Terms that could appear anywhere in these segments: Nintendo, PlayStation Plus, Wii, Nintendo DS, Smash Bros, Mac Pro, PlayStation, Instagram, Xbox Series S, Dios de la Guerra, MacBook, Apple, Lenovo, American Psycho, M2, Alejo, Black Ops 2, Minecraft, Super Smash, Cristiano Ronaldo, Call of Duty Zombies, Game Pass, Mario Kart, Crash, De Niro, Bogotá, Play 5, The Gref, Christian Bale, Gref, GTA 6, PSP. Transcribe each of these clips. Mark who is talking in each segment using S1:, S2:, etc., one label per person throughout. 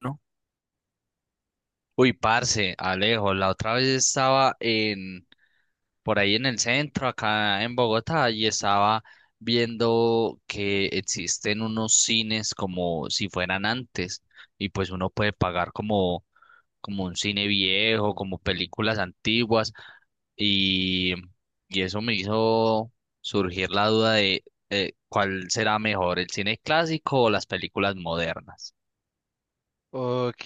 S1: ¿No? Uy, parce, Alejo, la otra vez estaba en por ahí en el centro, acá en Bogotá, y estaba viendo que existen unos cines como si fueran antes, y pues uno puede pagar como un cine viejo, como películas antiguas, y, y eso me hizo surgir la duda de cuál será mejor, el cine clásico o las películas modernas.
S2: Ok,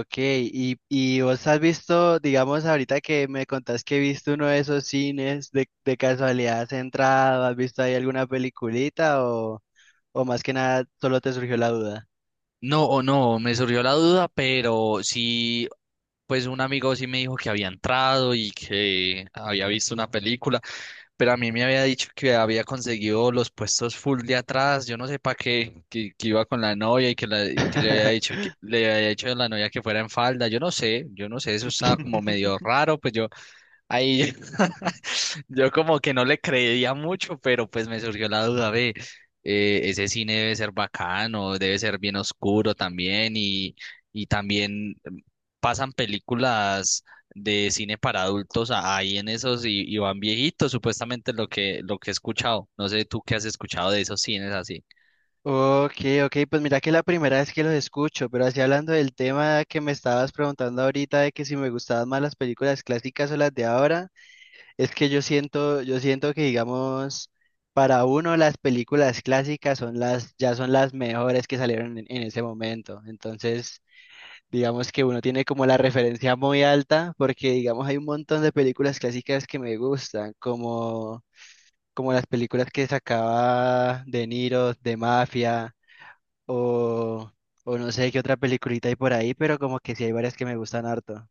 S2: ok. Y vos has visto, digamos, ahorita que me contás que viste uno de esos cines, de casualidad has entrado, has visto ahí alguna peliculita o más que nada solo te surgió la duda?
S1: No, me surgió la duda, pero sí, pues un amigo sí me dijo que había entrado y que había visto una película, pero a mí me había dicho que había conseguido los puestos full de atrás, yo no sé para qué, que iba con la novia y que que le había dicho que le había dicho a la novia que fuera en falda, yo no sé, eso estaba como medio raro, pues yo ahí yo como que no le creía mucho, pero pues me surgió la duda, ve, ese cine debe ser bacano, debe ser bien oscuro también y también pasan películas de cine para adultos ahí en esos y van viejitos, supuestamente lo que he escuchado. No sé tú qué has escuchado de esos cines así.
S2: Ok, ok, pues mira que la primera vez que los escucho, pero así hablando del tema que me estabas preguntando ahorita de que si me gustaban más las películas clásicas o las de ahora. Es que yo siento que digamos, para uno las películas clásicas son las, ya son las mejores que salieron en ese momento. Entonces, digamos que uno tiene como la referencia muy alta, porque digamos hay un montón de películas clásicas que me gustan, como, como las películas que sacaba De Niro, de Mafia, o, o no sé qué otra peliculita hay por ahí, pero como que sí hay varias que me gustan harto.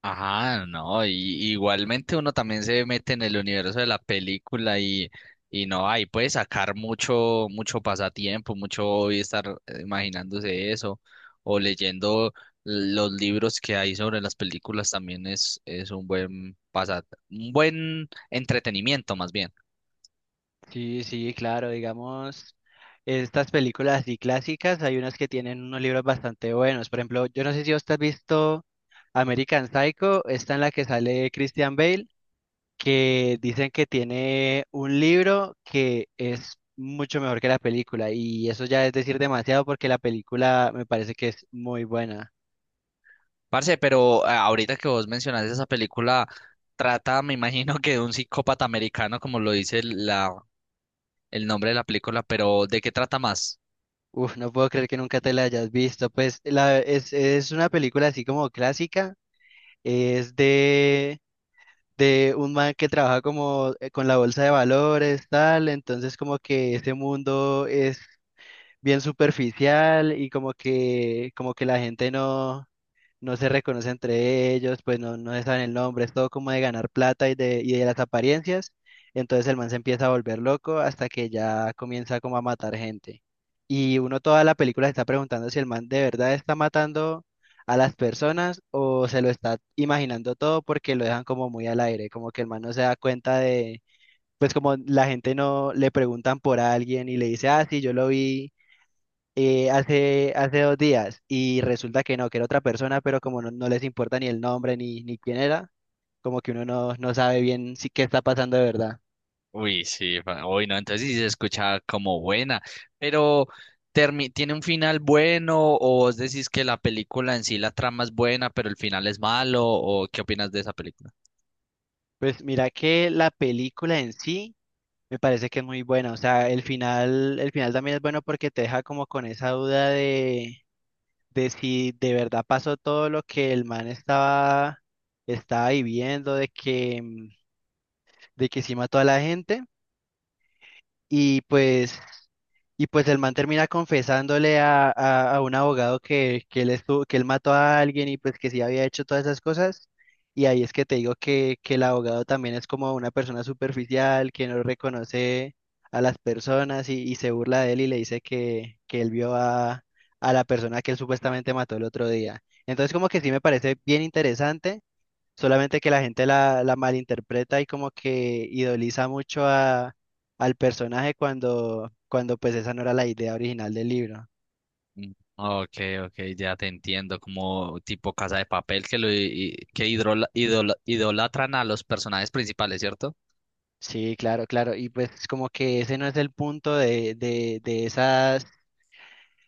S1: Ajá, no, igualmente uno también se mete en el universo de la película y no, ahí puede sacar mucho, mucho pasatiempo, mucho hobby estar imaginándose eso, o leyendo los libros que hay sobre las películas también es un buen pasa, un buen entretenimiento más bien.
S2: Sí, sí, claro, digamos, estas películas así clásicas, hay unas que tienen unos libros bastante buenos. Por ejemplo, yo no sé si vos has visto American Psycho, esta en la que sale Christian Bale, que dicen que tiene un libro que es mucho mejor que la película, y eso ya es decir demasiado porque la película me parece que es muy buena.
S1: Parce, pero ahorita que vos mencionas esa película, trata, me imagino que de un psicópata americano, como lo dice el nombre de la película, pero ¿de qué trata más?
S2: Uf, no puedo creer que nunca te la hayas visto. Pues la, es una película así como clásica, es de un man que trabaja como con la bolsa de valores, tal, entonces como que este mundo es bien superficial y como que la gente no se reconoce entre ellos, pues no, no se saben el nombre, es todo como de ganar plata y de las apariencias. Entonces el man se empieza a volver loco hasta que ya comienza como a matar gente. Y uno toda la película se está preguntando si el man de verdad está matando a las personas o se lo está imaginando todo porque lo dejan como muy al aire, como que el man no se da cuenta de, pues como la gente no le preguntan por alguien y le dice, ah, sí, yo lo vi hace dos días y resulta que no, que era otra persona, pero como no, no les importa ni el nombre ni, ni quién era, como que uno no, no sabe bien si qué está pasando de verdad.
S1: Uy, sí, uy, no, entonces sí se escucha como buena, pero ¿tiene un final bueno o vos decís que la película en sí, la trama es buena, pero el final es malo o qué opinas de esa película?
S2: Pues mira que la película en sí me parece que es muy buena, o sea, el final también es bueno porque te deja como con esa duda de si de verdad pasó todo lo que el man estaba viviendo, de que, de que sí mató a la gente y pues, y pues el man termina confesándole a un abogado que él estuvo, que él mató a alguien y pues que sí había hecho todas esas cosas. Y ahí es que te digo que el abogado también es como una persona superficial, que no reconoce a las personas y se burla de él y le dice que él vio a la persona que él supuestamente mató el otro día. Entonces como que sí me parece bien interesante. Solamente que la gente la, la malinterpreta y como que idoliza mucho a, al personaje cuando, cuando pues esa no era la idea original del libro.
S1: Mm, ok, ok, ya te entiendo, como tipo Casa de Papel que que idolatran a los personajes principales, ¿cierto?
S2: Sí, claro, claro. Y pues como que ese no es el punto de, de esas,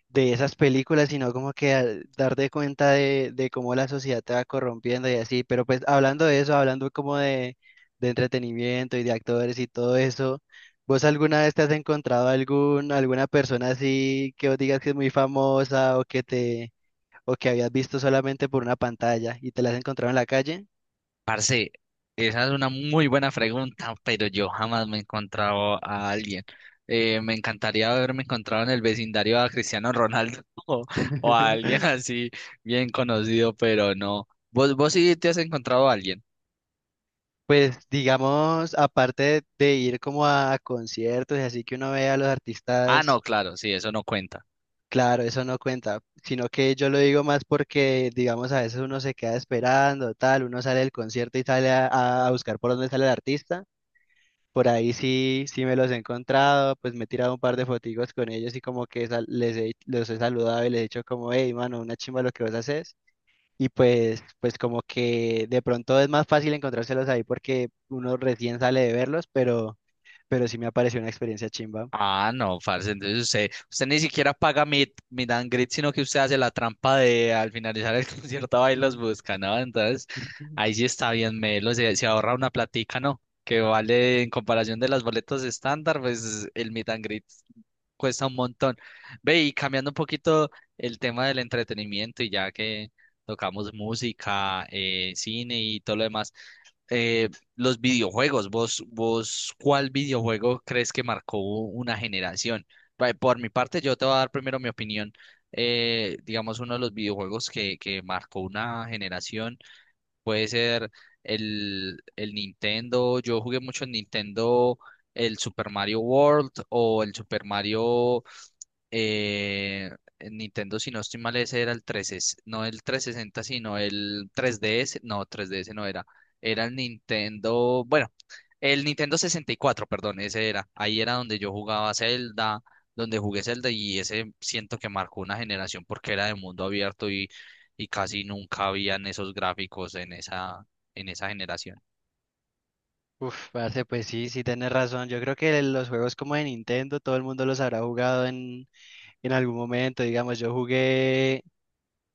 S2: de esas películas, sino como que al darte cuenta de cómo la sociedad te va corrompiendo y así. Pero pues hablando de eso, hablando como de entretenimiento y de actores y todo eso, ¿vos alguna vez te has encontrado algún, alguna persona así que vos digas que es muy famosa o que te, o que habías visto solamente por una pantalla y te la has encontrado en la calle?
S1: Parce, esa es una muy buena pregunta, pero yo jamás me he encontrado a alguien. Me encantaría haberme encontrado en el vecindario a Cristiano Ronaldo o a alguien así bien conocido, pero no. ¿Vos sí te has encontrado a alguien?
S2: Pues digamos, aparte de ir como a conciertos y así que uno ve a los
S1: Ah,
S2: artistas.
S1: no, claro, sí, eso no cuenta.
S2: Claro, eso no cuenta, sino que yo lo digo más porque, digamos, a veces uno se queda esperando, tal, uno sale del concierto y sale a buscar por dónde sale el artista. Por ahí sí, sí me los he encontrado, pues me he tirado un par de fotigos con ellos y como que sal- les he, los he saludado y les he dicho como, hey, mano, una chimba lo que vos haces. Y pues, pues como que de pronto es más fácil encontrárselos ahí porque uno recién sale de verlos, pero sí me ha parecido una experiencia chimba.
S1: Ah, no, parce, entonces usted ni siquiera paga Meet and greet, sino que usted hace la trampa de al finalizar el concierto va y los busca, ¿no? Entonces, ahí sí está bien melo, se ahorra una platica, ¿no? Que vale, en comparación de las boletas estándar, pues el Meet and greet cuesta un montón. Ve, y cambiando un poquito el tema del entretenimiento, y ya que tocamos música, cine y todo lo demás eh, los videojuegos, ¿cuál videojuego crees que marcó una generación? Vale, por mi parte, yo te voy a dar primero mi opinión. Digamos, uno de los videojuegos que marcó una generación puede ser el Nintendo. Yo jugué mucho en Nintendo, el Super Mario World o el Super Mario eh, en Nintendo, si no estoy mal, ese era el 13, no el 360, sino el 3DS, no, 3DS no era, era el Nintendo, bueno, el Nintendo 64, perdón, ese era, ahí era donde yo jugaba Zelda, donde jugué Zelda y ese siento que marcó una generación porque era de mundo abierto y casi nunca habían esos gráficos en esa generación.
S2: Uf, parce, pues sí, sí tenés razón. Yo creo que los juegos como de Nintendo, todo el mundo los habrá jugado en algún momento. Digamos, yo jugué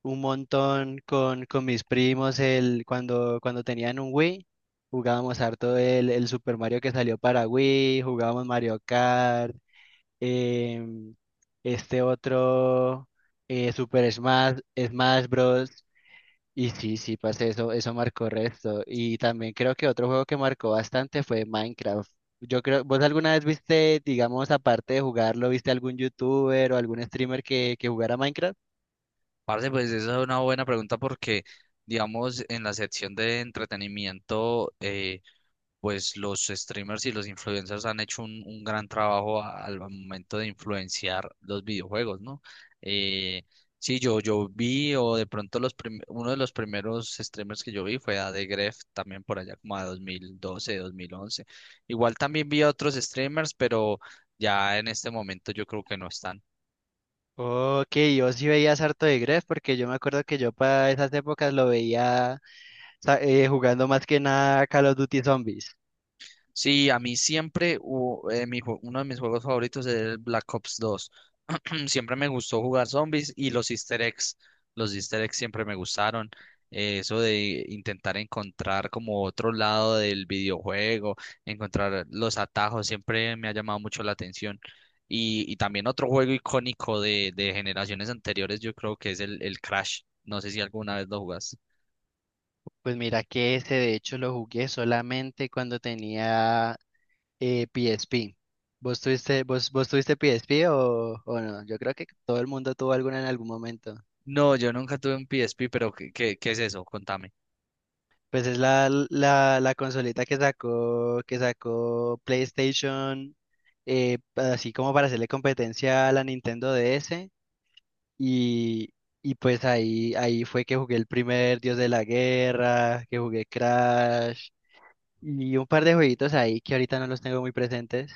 S2: un montón con mis primos el, cuando, cuando tenían un Wii. Jugábamos harto el Super Mario que salió para Wii, jugábamos Mario Kart, em, este otro Super Smash, Smash Bros. Y sí, sí, parce, eso marcó resto. Y también creo que otro juego que marcó bastante fue Minecraft. Yo creo, ¿vos alguna vez viste, digamos, aparte de jugarlo, viste algún youtuber o algún streamer que jugara Minecraft?
S1: Parce, pues esa es una buena pregunta porque, digamos, en la sección de entretenimiento, pues los streamers y los influencers han hecho un gran trabajo al momento de influenciar los videojuegos, ¿no? Eh, sí, yo vi, o de pronto uno de los primeros streamers que yo vi fue a The Gref, también por allá como a 2012, 2011. Igual también vi a otros streamers, pero ya en este momento yo creo que no están.
S2: Ok, yo sí veía harto de Gref porque yo me acuerdo que yo para esas épocas lo veía sa- jugando más que nada Call of Duty Zombies.
S1: Sí, a mí siempre uno de mis juegos favoritos es el Black Ops 2. Siempre me gustó jugar zombies y los easter eggs. Los easter eggs siempre me gustaron. Eso de intentar encontrar como otro lado del videojuego, encontrar los atajos, siempre me ha llamado mucho la atención. Y también otro juego icónico de generaciones anteriores, yo creo que es el Crash. No sé si alguna vez lo jugaste.
S2: Pues mira que ese de hecho lo jugué solamente cuando tenía PSP. ¿Vos tuviste, vos, vos tuviste PSP o no? Yo creo que todo el mundo tuvo alguna en algún momento.
S1: No, yo nunca tuve un PSP, pero ¿qué es eso? Contame.
S2: Pues es la, la, la consolita que sacó PlayStation, así como para hacerle competencia a la Nintendo DS. Y, y pues ahí, ahí fue que jugué el primer Dios de la Guerra, que jugué Crash y un par de jueguitos ahí que ahorita no los tengo muy presentes.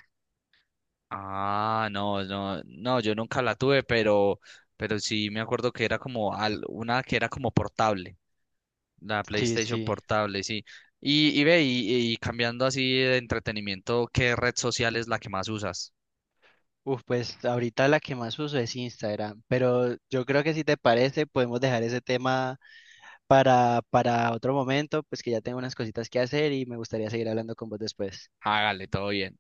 S1: Ah, no, no, no, yo nunca la tuve, pero sí me acuerdo que era como una que era como portable, la
S2: Sí,
S1: PlayStation
S2: sí.
S1: portable, sí. Y ve, y cambiando así de entretenimiento, ¿qué red social es la que más usas?
S2: Uf, pues ahorita la que más uso es Instagram, pero yo creo que si te parece podemos dejar ese tema para otro momento, pues que ya tengo unas cositas que hacer y me gustaría seguir hablando con vos después.
S1: Hágale, todo bien.